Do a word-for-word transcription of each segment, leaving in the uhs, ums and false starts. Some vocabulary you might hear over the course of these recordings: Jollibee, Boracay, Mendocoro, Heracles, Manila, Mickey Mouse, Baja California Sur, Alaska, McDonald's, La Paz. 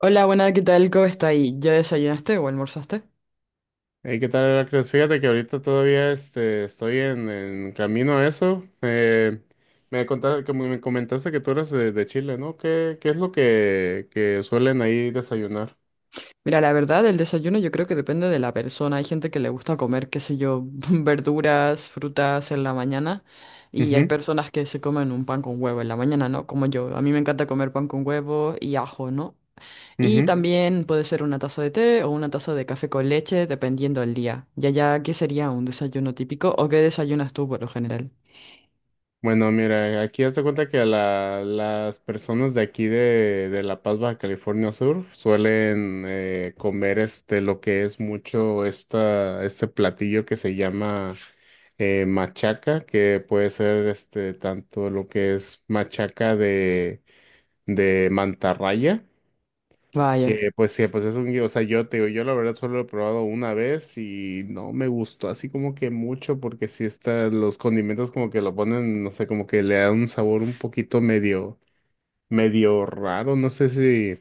Hola, buenas, ¿qué tal? ¿Cómo está ahí? ¿Ya desayunaste o almorzaste? Hey, ¿qué tal, Heracles? Fíjate que ahorita todavía este, estoy en, en camino a eso. Eh, me contaste, como me comentaste que tú eres de, de Chile, ¿no? ¿Qué, qué es lo que, que suelen ahí desayunar? Mira, la verdad, el desayuno yo creo que depende de la persona. Hay gente que le gusta comer, qué sé yo, verduras, frutas en la mañana. Y hay Ujú, personas que se comen un pan con huevo en la mañana, ¿no? Como yo. A mí me encanta comer pan con huevo y ajo, ¿no? Y ujú. también puede ser una taza de té o una taza de café con leche, dependiendo del día. Y allá, ¿qué sería un desayuno típico o qué desayunas tú por lo general? Bueno, mira, aquí haz de cuenta que la- las personas de aquí de, de La Paz, Baja California Sur, suelen eh, comer este lo que es mucho esta, este platillo que se llama eh, machaca, que puede ser este tanto lo que es machaca de, de mantarraya Vaya. que pues que pues es un, gui- o sea, yo te digo, yo la verdad solo lo he probado una vez y no me gustó así como que mucho porque si está, los condimentos como que lo ponen, no sé, como que le dan un sabor un poquito medio, medio raro, no sé si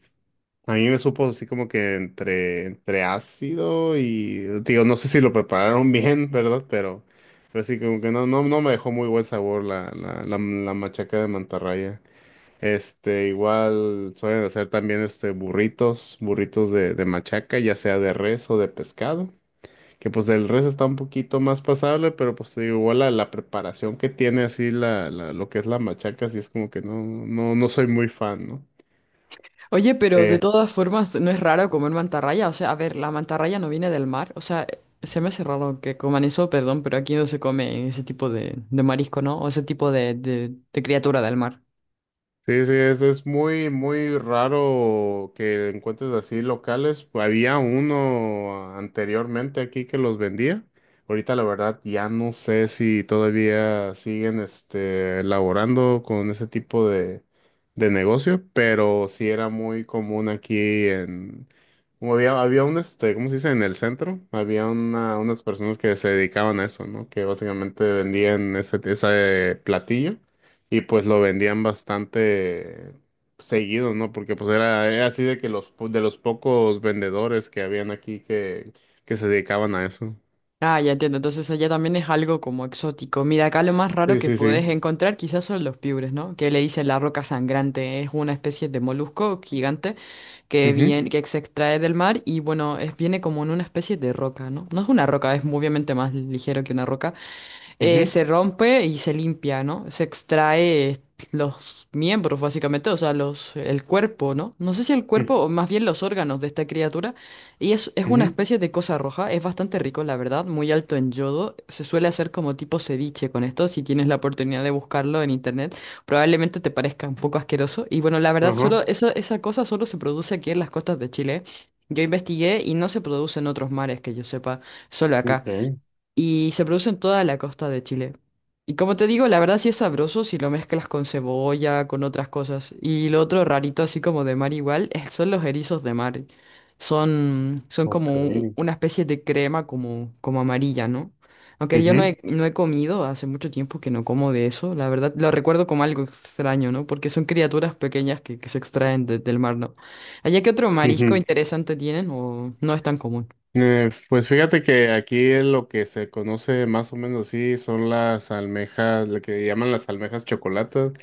a mí me supo así como que entre, entre ácido y, te digo, no sé si lo prepararon bien, ¿verdad? Pero, pero sí como que no, no, no me dejó muy buen sabor la, la, la, la machaca de mantarraya. Este, igual suelen hacer también este burritos, burritos de, de machaca, ya sea de res o de pescado. Que pues el res está un poquito más pasable, pero pues te digo, igual la, la preparación que tiene así la, la, lo que es la machaca, así es como que no, no, no soy muy fan, ¿no? Oye, pero de Eh, todas formas, no es raro comer mantarraya. O sea, a ver, la mantarraya no viene del mar. O sea, se me hace raro que coman eso, perdón, pero aquí no se come ese tipo de, de marisco, ¿no? O ese tipo de, de, de criatura del mar. sí, sí, es, es muy, muy raro que encuentres así locales. Había uno anteriormente aquí que los vendía. Ahorita la verdad ya no sé si todavía siguen este, elaborando con ese tipo de, de negocio, pero sí era muy común aquí en... Como había, había un, este, ¿cómo se dice? En el centro había una, unas personas que se dedicaban a eso, ¿no? Que básicamente vendían ese, ese platillo. Y pues lo vendían bastante seguido, ¿no? Porque pues era, era así de que los po- de los pocos vendedores que habían aquí que, que se dedicaban a eso. Ah, ya entiendo. Entonces allá también es algo como exótico. Mira, acá lo más raro Sí, que sí, sí. puedes encontrar quizás son los piures, ¿no? Que le dicen la roca sangrante. Es una especie de molusco gigante que, Ujú, viene, que se extrae del mar y bueno, es, viene como en una especie de roca, ¿no? No es una roca, es obviamente más ligero que una roca eh, ujú, se rompe y se limpia, ¿no? Se extrae eh, los miembros, básicamente, o sea, los, el cuerpo, ¿no? No sé si el cuerpo, o más bien los órganos de esta criatura. Y es, es ujú, una ujú, especie de cosa roja, es bastante rico, la verdad, muy alto en yodo. Se suele hacer como tipo ceviche con esto, si tienes la oportunidad de buscarlo en internet, probablemente te parezca un poco asqueroso. Y bueno, la verdad, ajá, solo esa, esa cosa solo se produce aquí en las costas de Chile. Yo investigué y no se produce en otros mares que yo sepa, solo acá ok, y se produce en toda la costa de Chile. Y como te digo, la verdad sí es sabroso si lo mezclas con cebolla, con otras cosas. Y lo otro rarito, así como de mar igual, es- son los erizos de mar. Son, son como ok, un- una especie de crema como, como amarilla, ¿no? Aunque yo no ujú, he, no he comido, hace mucho tiempo que no como de eso, la verdad lo recuerdo como algo extraño, ¿no? Porque son criaturas pequeñas que, que se extraen de- del mar, ¿no? ¿Allá qué otro marisco ujú. interesante tienen o no es tan común? Eh, pues fíjate que aquí lo que se conoce más o menos así son las almejas, lo que llaman las almejas chocolatas.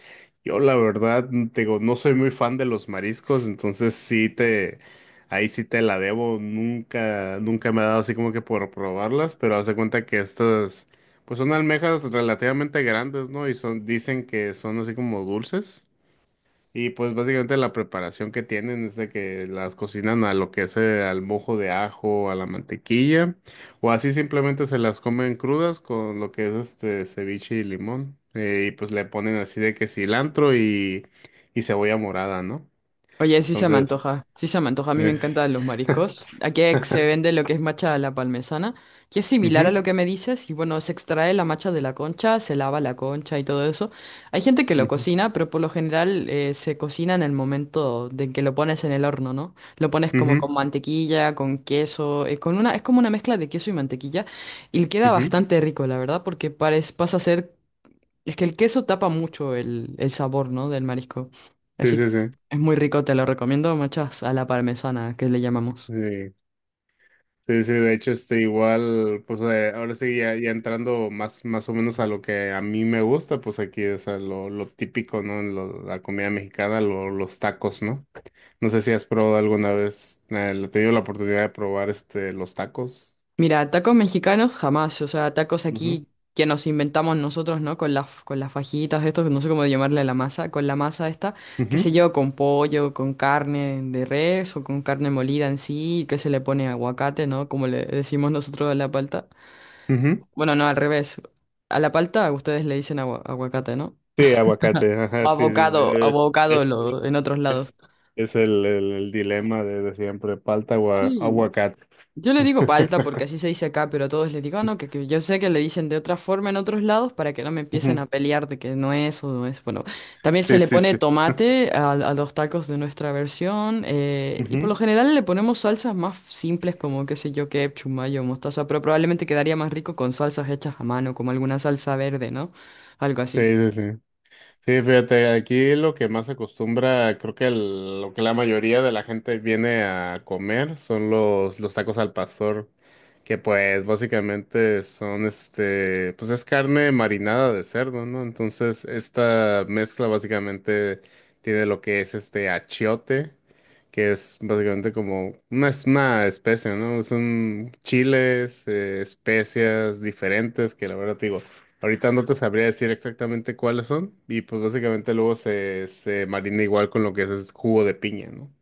Yo la verdad, te digo, no soy muy fan de los mariscos, entonces sí te, ahí sí te la debo. Nunca, nunca me ha dado así como que por probarlas, pero haz de cuenta que estas, pues son almejas relativamente grandes, ¿no? Y son, dicen que son así como dulces. Y pues básicamente la preparación que tienen es de que las cocinan a lo que es eh, al mojo de ajo, a la mantequilla, o así simplemente se las comen crudas con lo que es este ceviche y limón. eh, y pues le ponen así de que cilantro y, y cebolla morada, ¿no? Oye, sí se me Entonces, antoja, sí se me antoja, a mí me es- encantan los mariscos. Aquí se vende lo que es macha a la palmesana, que es similar a ujú, lo que me dices, y bueno, se extrae la macha de la concha, se lava la concha y todo eso. Hay gente que lo ujú, cocina, pero por lo general eh, se cocina en el momento de que lo pones en el horno, ¿no? Lo pones como ujú, con mantequilla, con queso, eh, con una, es como una mezcla de queso y mantequilla, y queda ujú. bastante rico, la verdad, porque parece, pasa a ser es que el queso tapa mucho el, el sabor, ¿no?, del marisco. Sí, Así sí, que sí. es muy rico, te lo recomiendo, machas, a la parmesana, que le llamamos. Sí. Sí, sí, de hecho, este, igual, pues eh, ahora sí, ya, ya entrando más, más o menos a lo que a mí me gusta, pues aquí, o sea, lo, lo típico, ¿no? Lo- la comida mexicana, lo- los tacos, ¿no? No sé si has probado alguna vez, eh, he tenido la oportunidad de probar, este, los tacos. Mira, tacos mexicanos jamás, o sea, tacos Ujú, aquí que nos inventamos nosotros, ¿no? Con las, con las fajitas, estos, no sé cómo llamarle a la masa, con la masa esta, qué ujú, sé yo, con pollo, con carne de res o con carne molida en sí, que se le pone aguacate, ¿no? Como le decimos nosotros a la palta. ujú. Bueno, no, al revés. A la palta ustedes le dicen agua- aguacate, ¿no? Sí, aguacate, O ajá, sí, sí, sí, abocado, eh, abocado es, eh, lo- en otros lados. es, es el, el, el dilema de, de siempre, palta o a- Sí. aguacate. Yo le digo palta porque así se dice acá, pero a todos les digo, "Ah, no, que, que yo sé que le dicen de otra forma en otros lados para que no me empiecen a Ujú, pelear de que no es o no es. Bueno, también se sí, le sí, pone sí. tomate a, a los tacos de nuestra versión eh, y por Ujú, lo general le ponemos salsas más simples como, qué sé yo, ketchup, mayo, mostaza, pero probablemente quedaría más rico con salsas hechas a mano, como alguna salsa verde, ¿no? Algo así. sí, sí, sí. Sí, fíjate, aquí lo que más se acostumbra, creo que el- lo que la mayoría de la gente viene a comer son los, los tacos al pastor, que pues básicamente son este, pues es carne marinada de cerdo, ¿no? Entonces, esta mezcla básicamente tiene lo que es este achiote, que es básicamente como una, es una especie, ¿no? Son chiles, eh, especias diferentes, que la verdad te digo. Ahorita no te sabría decir exactamente cuáles son y pues básicamente luego se, se marina igual con lo que es, es jugo de piña, ¿no?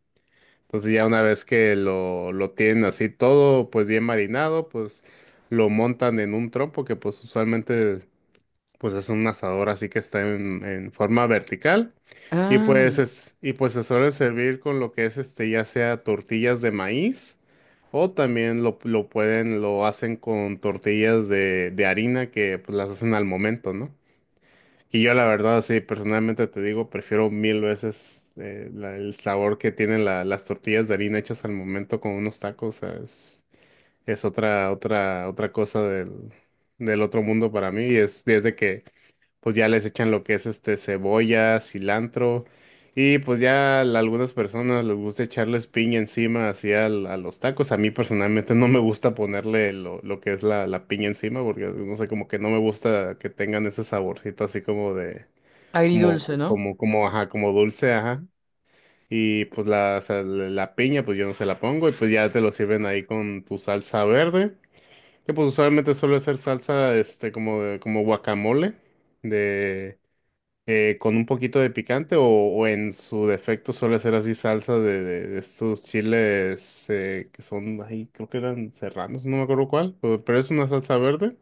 Entonces ya una vez que lo, lo tienen así todo pues bien marinado, pues lo montan en un trompo que pues usualmente pues es un asador así que está en, en forma vertical y Ah, pues es, y pues se suele servir con lo que es este ya sea tortillas de maíz o también lo, lo pueden, lo hacen con tortillas de, de harina que pues las hacen al momento, ¿no? Y yo la verdad, sí, personalmente te digo, prefiero mil veces eh, la- el sabor que tienen la- las tortillas de harina hechas al momento con unos tacos. O sea, es, es otra, otra, otra cosa del, del otro mundo para mí. Y es desde que pues ya les echan lo que es este cebolla, cilantro. Y pues ya a algunas personas les gusta echarles piña encima así al- a los tacos. A mí personalmente no me gusta ponerle lo, lo que es la, la piña encima porque no sé, como que no me gusta que tengan ese saborcito así como de como, agridulce, ¿no? como, como, ajá, como dulce, ajá. Y pues la, o sea, la la piña, pues yo no se la pongo, y pues ya te lo sirven ahí con tu salsa verde, que pues usualmente suele ser salsa, este, como, de- como guacamole, de, eh, con un poquito de picante, o, o en su defecto suele ser así salsa de, de- de estos chiles, eh, que son, ahí creo que eran serranos, no me acuerdo cuál, pero pero es una salsa verde.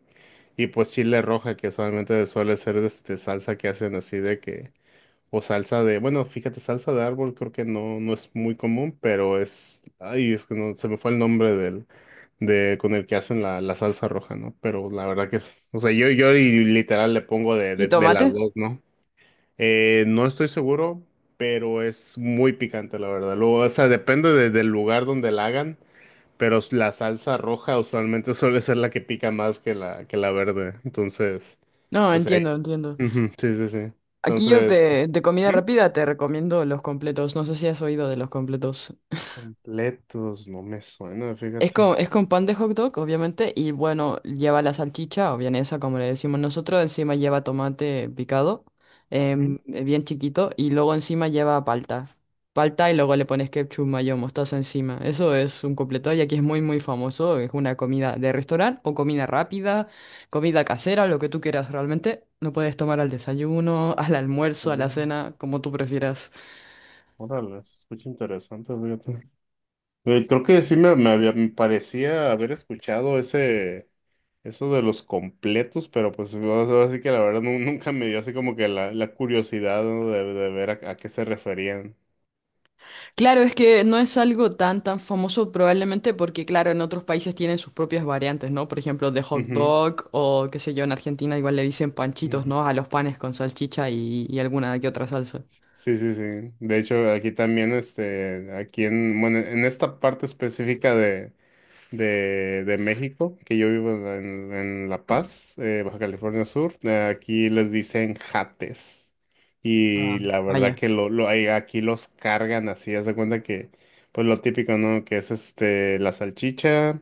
Y pues chile roja, que usualmente suele ser este salsa que hacen así de que o salsa de, bueno, fíjate, salsa de árbol creo que no, no es muy común, pero es, ay, es que no, se me fue el nombre del, de, con el que hacen la, la salsa roja, ¿no? Pero la verdad que es, o sea, yo, yo y literal le pongo de, ¿Y de, de las tomate? dos, ¿no? Eh, no estoy seguro, pero es muy picante, la verdad. Luego, o sea, depende de- del lugar donde la hagan, pero la salsa roja usualmente suele ser la que pica más que la, que la verde. Entonces, No, o sea, ahí- entiendo, entiendo. ujú, sí, sí, sí. Aquí yo Entonces, te, de comida ujú. rápida te recomiendo los completos. No sé si has oído de los completos. Completos, no me suena, Es fíjate. con, es con pan de hot dog, obviamente, y bueno, lleva la salchicha o vienesa, como le decimos nosotros. Encima lleva tomate picado, Mm, em, bien chiquito, y luego encima lleva palta. Palta y luego le pones ketchup, mayo, mostaza encima. Eso es un completo y aquí es muy, muy famoso. Es una comida de restaurante o comida rápida, comida casera, lo que tú quieras realmente. Lo puedes tomar al desayuno, al almuerzo, a la mm, cena, como tú prefieras. órale, se escucha interesante, fíjate. Eh, creo que sí me, me había- me parecía haber escuchado ese, eso de los completos, pero pues o sea, así que la verdad nu- nunca me dio así como que la, la curiosidad, ¿no? de, de ver a, a qué se referían. Claro, es que no es algo tan tan famoso probablemente porque, claro, en otros países tienen sus propias variantes, ¿no? Por ejemplo, de hot Ujú, dog o qué sé yo, en Argentina igual le dicen panchitos, ujú. ¿no? A los panes con salchicha y, y alguna que otra salsa. Sí, sí, sí. De hecho, aquí también, este, aquí en, bueno, en esta parte específica de de, de México, que yo vivo en, en La Paz, eh, Baja California Sur. Eh, aquí les dicen jates. Y Ah. la verdad Vaya. que lo, lo, ahí- aquí los cargan así, haz de cuenta que, pues lo típico, ¿no? Que es este, la salchicha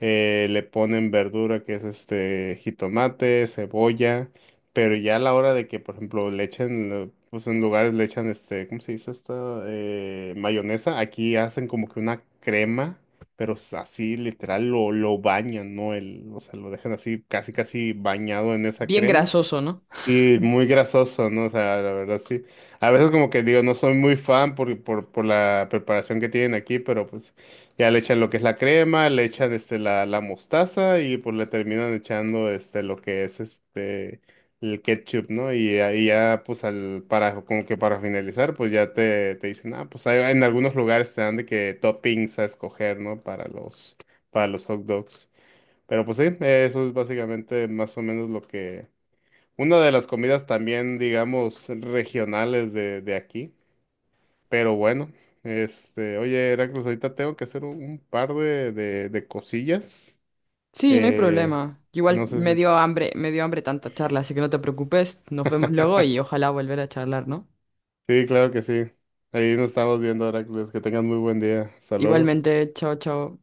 eh, le ponen verdura que es este jitomate, cebolla, pero ya a la hora de que, por ejemplo, le echen, eh, pues en lugares le echan este, ¿cómo se dice esto? Eh, mayonesa, aquí hacen como que una crema, pero s- así literal lo, lo bañan, ¿no? El, o sea, lo dejan así casi casi bañado en esa Bien crema. grasoso, ¿no? Sí, muy grasoso, ¿no? O sea, la verdad sí. A veces como que digo, no soy muy fan por, por, por la preparación que tienen aquí, pero pues ya le echan lo que es la crema, le echan este la, la mostaza y pues le terminan echando este lo que es este el ketchup, ¿no? Y ahí ya pues al para como que para finalizar, pues ya te, te dicen, ah, pues hay, en algunos lugares te dan de que toppings a escoger, ¿no? Para los para los hot dogs. Pero pues sí, eso es básicamente más o menos lo que una de las comidas también, digamos, regionales de, de aquí. Pero bueno, este, oye, Heracles, ahorita tengo que hacer un, un par de, de, de cosillas. Sí, no hay Eh, problema. Igual no sé me si. dio hambre, me dio hambre tanta charla, así que no te preocupes. Nos vemos luego y ojalá volver a charlar, ¿no? Sí, claro que sí. Ahí nos estamos viendo, Heracles. Que tengas muy buen día. Hasta luego. Igualmente, chao, chao.